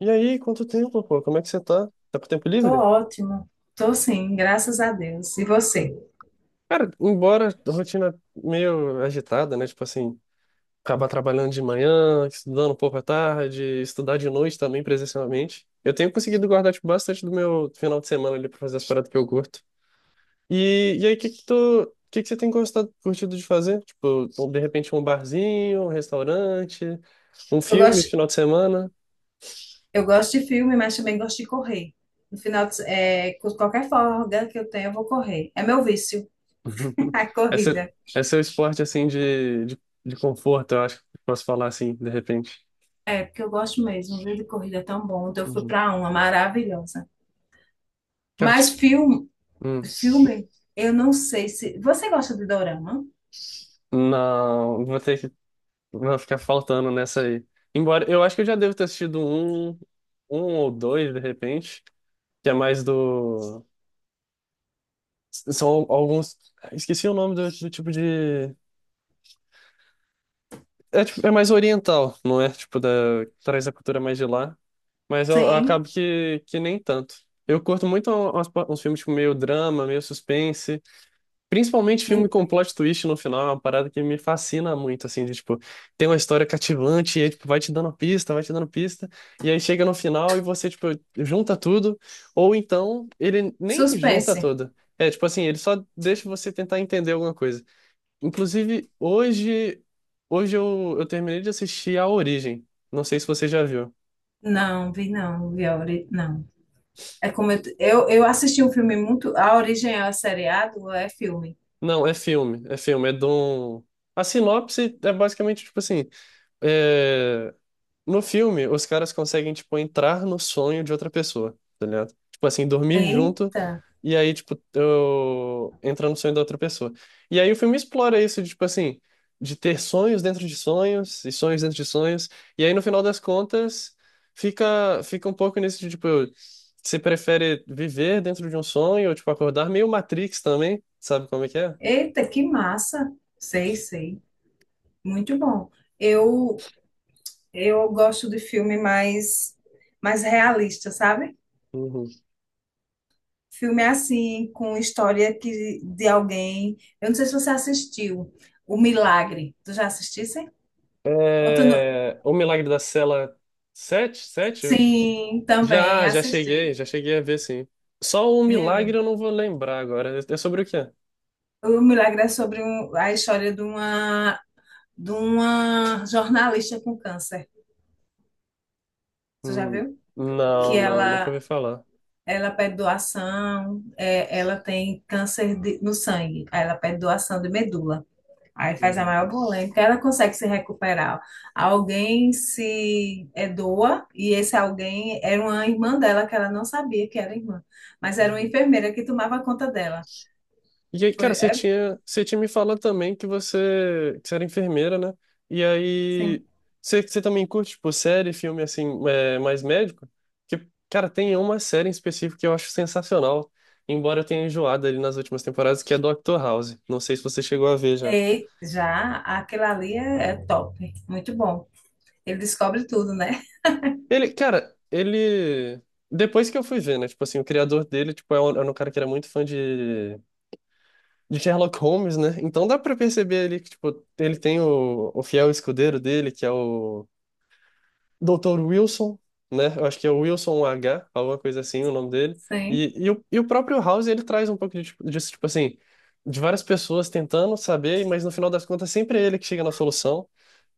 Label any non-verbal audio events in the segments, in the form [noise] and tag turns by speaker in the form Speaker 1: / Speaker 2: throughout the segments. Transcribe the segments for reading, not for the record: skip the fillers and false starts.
Speaker 1: E aí, quanto tempo, pô? Como é que você tá? Tá com tempo
Speaker 2: Tô
Speaker 1: livre?
Speaker 2: ótimo. Tô sim, graças a Deus. E você?
Speaker 1: Cara, embora a rotina meio agitada, né? Tipo assim, acabar trabalhando de manhã, estudando um pouco à tarde, estudar de noite também presencialmente. Eu tenho conseguido guardar, tipo, bastante do meu final de semana ali pra fazer as paradas que eu curto. E aí, o que que tu, o que que você tem gostado, curtido de fazer? Tipo, de repente um barzinho, um restaurante, um
Speaker 2: Eu
Speaker 1: filme,
Speaker 2: gosto,
Speaker 1: final de semana?
Speaker 2: eu gosto de filme, mas também gosto de correr. No final, de se- é, com qualquer folga que eu tenho, eu vou correr. É meu vício, [laughs]
Speaker 1: [laughs]
Speaker 2: a
Speaker 1: Esse,
Speaker 2: corrida.
Speaker 1: esse é seu esporte assim de conforto, eu acho que posso falar assim, de repente.
Speaker 2: É, porque eu gosto mesmo, viu, de corrida é tão bom. Então, eu fui
Speaker 1: Uhum.
Speaker 2: para uma maravilhosa.
Speaker 1: Quero te...
Speaker 2: Mas filme,
Speaker 1: hum,
Speaker 2: filme, eu não sei se... Você gosta de dorama?
Speaker 1: Não, vou ter que vou ficar faltando nessa aí. Embora eu acho que eu já devo ter assistido um ou dois, de repente, que é mais do. São alguns. Esqueci o nome do, do tipo de. É, tipo- é mais oriental, não é? Tipo, da... traz a cultura mais de lá. Mas eu
Speaker 2: Sim.
Speaker 1: acabo que nem tanto. Eu curto muito uns, uns filmes tipo, meio drama, meio suspense. Principalmente filme
Speaker 2: Me-
Speaker 1: com plot twist no final, é uma parada que me fascina muito, assim, de, tipo, tem uma história cativante e aí, tipo, vai te dando pista, vai te dando pista, e aí chega no final e você, tipo, junta tudo, ou então ele nem junta
Speaker 2: Suspense.
Speaker 1: tudo. É, tipo assim, ele só deixa você tentar entender alguma coisa. Inclusive, hoje eu terminei de assistir A Origem. Não sei se você já viu.
Speaker 2: Não, vi não, vi a ori... não. É como eu assisti um filme muito. A origem é seriado, é filme.
Speaker 1: Não, é filme, é filme, é de um... A sinopse é basicamente, tipo assim, é, no filme os caras conseguem, tipo, entrar no sonho de outra pessoa, tá ligado? Tipo assim, dormir junto
Speaker 2: Eita,
Speaker 1: e aí, tipo, entrar no sonho da outra pessoa. E aí o filme explora isso, de, tipo assim, de ter sonhos dentro de sonhos e sonhos dentro de sonhos. E aí no final das contas fica um pouco nesse, de, tipo, você prefere viver dentro de um sonho ou, tipo, acordar, meio Matrix também, sabe como é que é?
Speaker 2: eita, que massa. Sei, sei. Muito bom. Eu eu gosto de filme mais realista, sabe?
Speaker 1: Uhum.
Speaker 2: Filme assim, com história que, de alguém. Eu não sei se você assistiu O Milagre. Tu já assistisse? Ou tu não-
Speaker 1: É, O Milagre da Cela sete, sete.
Speaker 2: Sim, também
Speaker 1: Já, já cheguei,
Speaker 2: assisti.
Speaker 1: já cheguei a ver, sim. Só o
Speaker 2: Né?
Speaker 1: Milagre eu não vou lembrar agora. É sobre o quê?
Speaker 2: O Milagre é sobre um- a história de uma jornalista com câncer. Tu já
Speaker 1: Hum.
Speaker 2: viu? Que
Speaker 1: Não, nunca
Speaker 2: ela
Speaker 1: ouvi falar.
Speaker 2: ela pede doação, é, ela tem câncer de- no sangue, aí ela pede doação de medula. Aí faz a
Speaker 1: Uhum.
Speaker 2: maior polêmica, ela consegue se recuperar. Alguém se é, doa, e esse alguém era uma irmã dela, que ela não sabia que era irmã, mas era uma
Speaker 1: Uhum.
Speaker 2: enfermeira que tomava conta dela.
Speaker 1: E aí,
Speaker 2: Foi,
Speaker 1: cara, você
Speaker 2: é,
Speaker 1: tinha, você tinha me falado também que você era enfermeira, né? E
Speaker 2: sim.
Speaker 1: aí, você também curte, tipo, série, filme, assim, é, mais médico? Que, cara, tem uma série em específico que eu acho sensacional, embora eu tenha enjoado ali nas últimas temporadas, que é Doctor House. Não sei se você chegou a ver já.
Speaker 2: E já aquilo ali é, é top, muito bom. Ele descobre tudo, né?
Speaker 1: Ele, cara, ele... Depois que eu fui ver, né? Tipo assim, o criador dele, tipo, era um cara que era muito fã de... De Sherlock Holmes, né? Então dá pra perceber ali que, tipo, ele tem o fiel escudeiro dele, que é o Doutor Wilson, né? Eu acho que é o Wilson H, alguma coisa assim, o nome
Speaker 2: [laughs]
Speaker 1: dele.
Speaker 2: Sim.
Speaker 1: E o próprio House, ele traz um pouco de, tipo- disso, tipo assim, de várias pessoas tentando saber, mas no final das contas sempre é ele que chega na solução.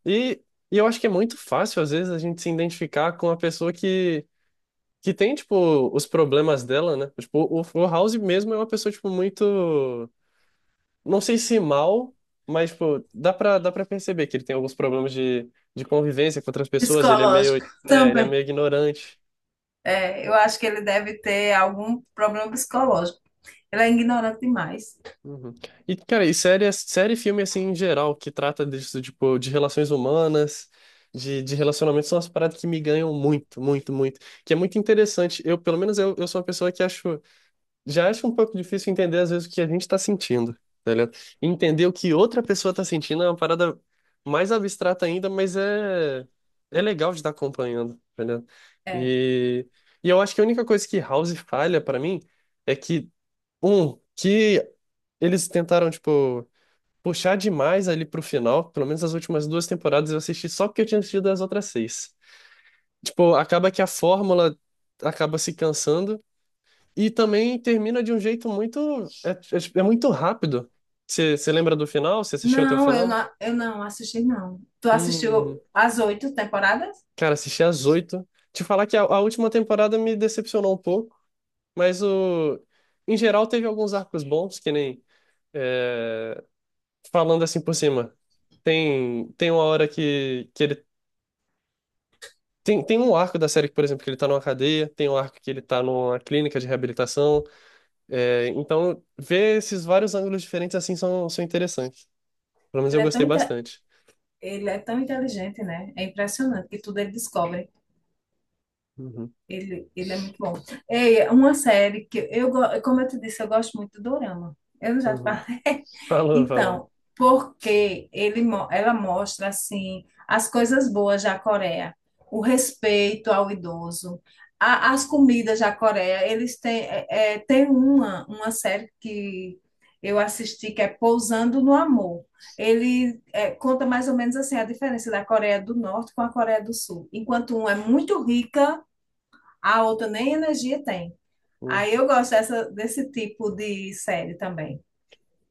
Speaker 1: E, e eu acho que é muito fácil, às vezes, a gente se identificar com a pessoa que tem, tipo, os problemas dela, né? Tipo, o House mesmo é uma pessoa, tipo, muito não sei se mal, mas, tipo, dá pra perceber que ele tem alguns problemas de convivência com outras pessoas, ele é meio,
Speaker 2: Psicológico
Speaker 1: é, ele é
Speaker 2: também.
Speaker 1: meio ignorante.
Speaker 2: É, eu acho que ele deve ter algum problema psicológico. Ele é ignorante demais.
Speaker 1: Uhum. E, cara, e série, série e filme, assim, em geral, que trata disso, tipo, de relações humanas, de relacionamentos, são as paradas que me ganham muito, muito, muito. Que é muito interessante. Eu, pelo menos, eu sou uma pessoa que acho. Já acho um pouco difícil entender, às vezes, o que a gente tá sentindo, tá ligado? Entender o que outra pessoa tá sentindo é uma parada mais abstrata ainda, mas é legal de estar acompanhando, tá ligado?
Speaker 2: É.
Speaker 1: E... e eu acho que a única coisa que House falha pra mim é que, que eles tentaram, tipo, puxar demais ali pro final, pelo menos as últimas duas temporadas eu assisti só porque eu tinha assistido as outras seis. Tipo, acaba que a fórmula acaba se cansando. E também termina de um jeito muito. É, é- é muito rápido. Você lembra do final? Você assistiu até o
Speaker 2: Não,
Speaker 1: final?
Speaker 2: eu não assisti, não. Tu
Speaker 1: Hum,
Speaker 2: assistiu as 8 temporadas?
Speaker 1: cara, assisti às oito. Te falar que a última temporada me decepcionou um pouco, mas o, em geral teve alguns arcos bons, que nem. É, falando assim por cima. Tem uma hora que ele. Tem um arco da série, que, por exemplo, que ele tá numa cadeia, tem um arco que ele tá numa clínica de reabilitação. É, então, ver esses vários ângulos diferentes assim são, são interessantes. Pelo menos
Speaker 2: Ele
Speaker 1: eu
Speaker 2: é tão,
Speaker 1: gostei
Speaker 2: inte-
Speaker 1: bastante.
Speaker 2: ele é tão inteligente, né? É impressionante que tudo ele descobre.
Speaker 1: Uhum,
Speaker 2: Ele é muito bom. É uma série que eu, go- como eu te disse, eu gosto muito do Dorama. Eu não já te
Speaker 1: uhum.
Speaker 2: falei. [laughs]
Speaker 1: Falou, falou.
Speaker 2: Então, porque ele, mo- ela mostra assim as coisas boas da Coreia, o respeito ao idoso, a- as comidas da Coreia. Eles têm, é, é, tem uma série que eu assisti que é Pousando no Amor. Ele é, conta mais ou menos assim a diferença da Coreia do Norte com a Coreia do Sul. Enquanto um é muito rica a outra nem energia tem. Aí
Speaker 1: Uhum.
Speaker 2: eu gosto dessa, desse tipo de série também.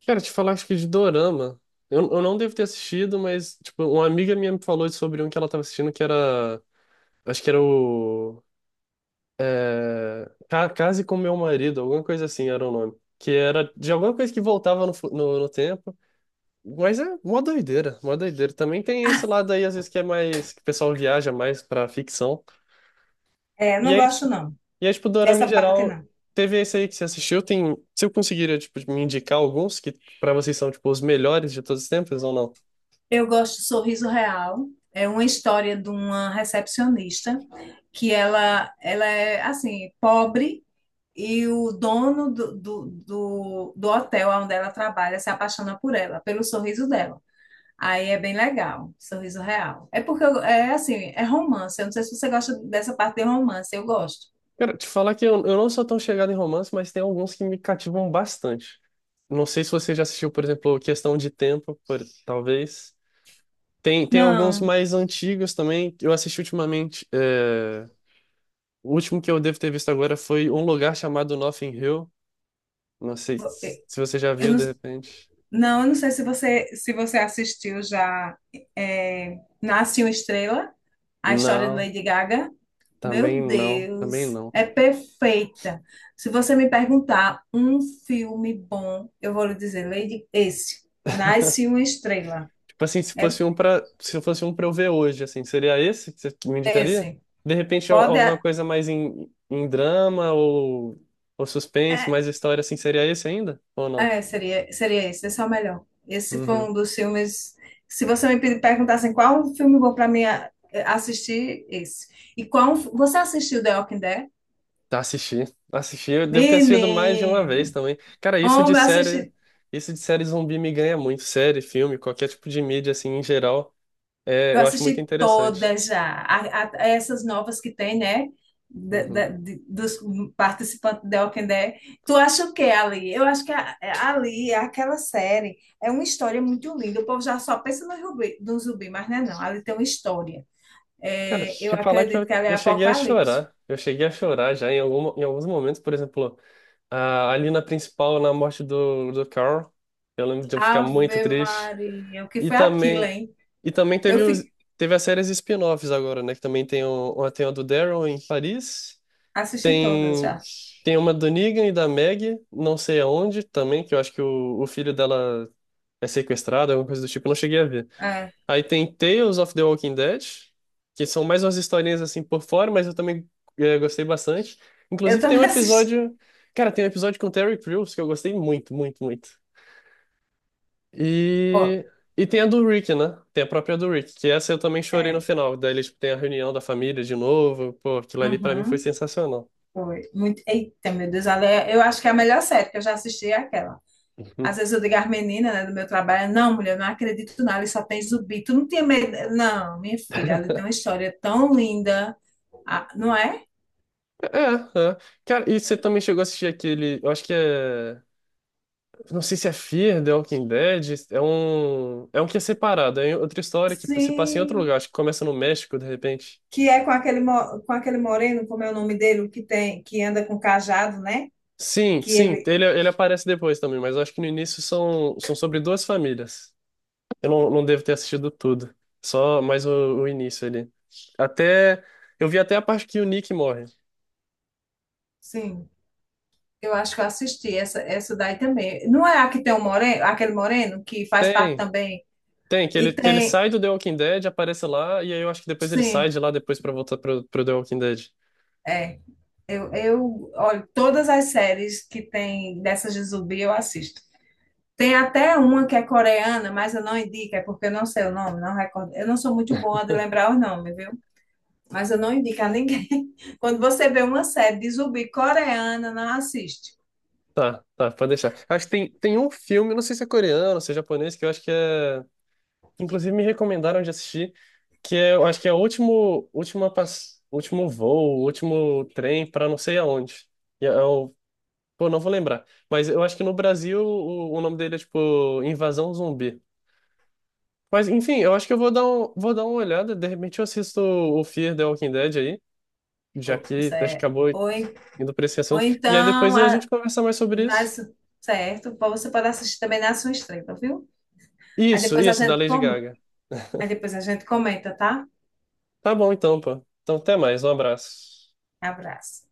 Speaker 1: Cara, te falar, acho que de dorama. Eu não devo ter assistido, mas, tipo, uma amiga minha me falou sobre um que ela tava assistindo que era. Acho que era o. Ca- Case com Meu Marido, alguma coisa assim era o nome. Que era de alguma coisa que voltava no, fu- no, no tempo. Mas é mó doideira, mó doideira. Também tem esse lado aí, às vezes, que é mais. Que o pessoal viaja mais pra ficção.
Speaker 2: É,
Speaker 1: E
Speaker 2: não
Speaker 1: aí
Speaker 2: gosto não.
Speaker 1: E aí, tipo, dorama em
Speaker 2: Dessa parte
Speaker 1: geral,
Speaker 2: não.
Speaker 1: teve esse aí que você assistiu, tem... Se eu conseguiria, tipo, me indicar alguns que pra vocês são, tipo, os melhores de todos os tempos ou não?
Speaker 2: Eu gosto de Sorriso Real. É uma história de uma recepcionista que ela é assim, pobre. E o dono do hotel onde ela trabalha se apaixona por ela, pelo sorriso dela. Aí é bem legal, sorriso real. É porque eu- é assim, é romance. Eu não sei se você gosta dessa parte de romance, eu gosto.
Speaker 1: Cara, te falar que eu não sou tão chegado em romance, mas tem alguns que me cativam bastante. Não sei se você já assistiu, por exemplo, Questão de Tempo, por- talvez. Tem alguns
Speaker 2: Não,
Speaker 1: mais antigos também. Eu assisti ultimamente. É, O último que eu devo ter visto agora foi Um Lugar Chamado Notting Hill. Não sei se se você já
Speaker 2: eu
Speaker 1: viu,
Speaker 2: não,
Speaker 1: de repente.
Speaker 2: não, eu não sei se você assistiu já é, Nasce uma Estrela, a história de
Speaker 1: Não,
Speaker 2: Lady Gaga. Meu
Speaker 1: também não, também
Speaker 2: Deus,
Speaker 1: não.
Speaker 2: é perfeita. Se você me perguntar um filme bom, eu vou lhe dizer, Lady, esse, Nasce uma Estrela.
Speaker 1: Tipo assim, se
Speaker 2: É
Speaker 1: fosse um pra, se fosse um pra eu ver hoje, assim, seria esse que você me indicaria?
Speaker 2: esse.
Speaker 1: De repente, al-
Speaker 2: Pode.
Speaker 1: alguma coisa mais em, em drama ou suspense,
Speaker 2: É,
Speaker 1: mais história, assim, seria esse ainda? Ou não?
Speaker 2: Seria esse, esse é o melhor. Esse foi
Speaker 1: Uhum.
Speaker 2: um dos filmes. Se você me pedir- perguntasse qual um filme bom para mim a- é, assistir, esse. E qual. Um você assistiu The Walking Dead?
Speaker 1: Tá, assisti. Assisti. Eu devo ter assistido mais de uma vez
Speaker 2: Menino!
Speaker 1: também. Cara,
Speaker 2: Homem,
Speaker 1: isso de série zumbi me ganha muito. Série, filme, qualquer tipo de mídia, assim, em geral,
Speaker 2: eu
Speaker 1: eu acho muito
Speaker 2: assisti
Speaker 1: interessante.
Speaker 2: todas já. A- essas novas que tem, né? Da-
Speaker 1: Uhum.
Speaker 2: da- de- dos participantes do The Walking Dead. Tu acha o que ali? Eu acho que a- é, ali, aquela série, é uma história muito linda. O povo já só pensa no zumbi, no zumbi, mas não é não. Ali tem uma história.
Speaker 1: Cara,
Speaker 2: É, eu
Speaker 1: te falar que
Speaker 2: acredito
Speaker 1: eu,
Speaker 2: que ela é
Speaker 1: eu cheguei a
Speaker 2: Apocalipse.
Speaker 1: chorar. Eu cheguei a chorar já em, algum, em alguns momentos, por exemplo. Ah, ali na principal, na morte do, do Carl, eu lembro de eu ficar muito
Speaker 2: Ave
Speaker 1: triste.
Speaker 2: Maria, o que
Speaker 1: E
Speaker 2: foi aquilo,
Speaker 1: também,
Speaker 2: hein?
Speaker 1: e também
Speaker 2: Eu
Speaker 1: teve, os,
Speaker 2: fi-
Speaker 1: teve as séries spin-offs agora, né? Que também tem, o, uma- tem a do Daryl em Paris,
Speaker 2: assisti todas
Speaker 1: tem,
Speaker 2: já.
Speaker 1: tem uma do Negan e da Maggie, não sei aonde também, que eu acho que o filho dela é sequestrado, alguma coisa do tipo, eu não cheguei a ver.
Speaker 2: É,
Speaker 1: Aí tem Tales of the Walking Dead, que são mais umas historinhas assim por fora, mas eu também gostei bastante.
Speaker 2: eu
Speaker 1: Inclusive tem um
Speaker 2: também [laughs] assisti.
Speaker 1: episódio, cara, tem um episódio com o Terry Crews que eu gostei muito, muito, muito.
Speaker 2: Ó,
Speaker 1: E e tem a do Rick, né? Tem a própria do Rick, que essa eu também chorei no
Speaker 2: é,
Speaker 1: final. Daí eles têm a reunião da família de novo, pô, aquilo ali pra mim foi
Speaker 2: uhum,
Speaker 1: sensacional.
Speaker 2: foi. Muito, eita, meu Deus, ela é- eu acho que é a melhor série que eu já assisti é aquela. Às
Speaker 1: Uhum.
Speaker 2: vezes eu digo às meninas, né, do meu trabalho, não, mulher, eu não acredito não, ali só tem zumbi. Tu não tinha medo? Não, minha filha, ali tem uma história tão linda. Ah, não é?
Speaker 1: É, é. Cara, e você também chegou a assistir aquele, eu acho que é. Não sei se é Fear The Walking Dead, é um que é separado, é outra história que se passa em outro lugar,
Speaker 2: Sim.
Speaker 1: acho que começa no México, de repente.
Speaker 2: Que é com aquele, mo- com aquele moreno, como é o nome dele, o que tem, que anda com cajado, né?
Speaker 1: Sim,
Speaker 2: Que
Speaker 1: sim,
Speaker 2: ele.
Speaker 1: ele aparece depois também, mas eu acho que no início são, são sobre duas famílias. Eu não, não devo ter assistido tudo, só mais o início ali. Até, eu vi até a parte que o Nick morre.
Speaker 2: Sim, eu acho que eu assisti essa daí também. Não é a que tem o moreno, aquele moreno que faz parte
Speaker 1: Tem,
Speaker 2: também.
Speaker 1: tem,
Speaker 2: E
Speaker 1: que ele
Speaker 2: tem.
Speaker 1: sai do The Walking Dead, aparece lá, e aí eu acho que depois ele sai
Speaker 2: Sim,
Speaker 1: de lá depois pra voltar pro, pro The Walking Dead.
Speaker 2: é, eu olho todas as séries que tem dessas de zumbi, eu assisto. Tem até uma que é coreana, mas eu não indico, é porque eu não sei o nome, não recordo. Eu não sou muito boa de lembrar os nomes, viu? Mas eu não indico a ninguém. [laughs] Quando você vê uma série de zumbi coreana, não assiste.
Speaker 1: Tá, tá, pode deixar. Acho que tem, tem um filme, não sei se é coreano, se é japonês, que eu acho que é. Inclusive me recomendaram de assistir, que é, eu acho que é o último, última pass... último voo, último trem pra não sei aonde. É o... Pô, não vou lembrar. Mas eu acho que no Brasil o nome dele é tipo Invasão Zumbi. Mas enfim, eu acho que eu vou dar vou dar uma olhada. De repente eu assisto o Fear the Walking Dead aí, já
Speaker 2: Ou, você
Speaker 1: que acho que
Speaker 2: é-
Speaker 1: acabou indo pra esse
Speaker 2: ou
Speaker 1: assunto. E aí
Speaker 2: então,
Speaker 1: depois a
Speaker 2: a-
Speaker 1: gente conversa mais sobre isso.
Speaker 2: nas, certo? Pô, você pode assistir também na sua estreia, viu? Aí
Speaker 1: Isso,
Speaker 2: depois a
Speaker 1: isso, da
Speaker 2: gente,
Speaker 1: Lady
Speaker 2: com-
Speaker 1: Gaga.
Speaker 2: aí depois a gente comenta, tá?
Speaker 1: Tá bom então, pô. Então até mais, um abraço.
Speaker 2: Abraço.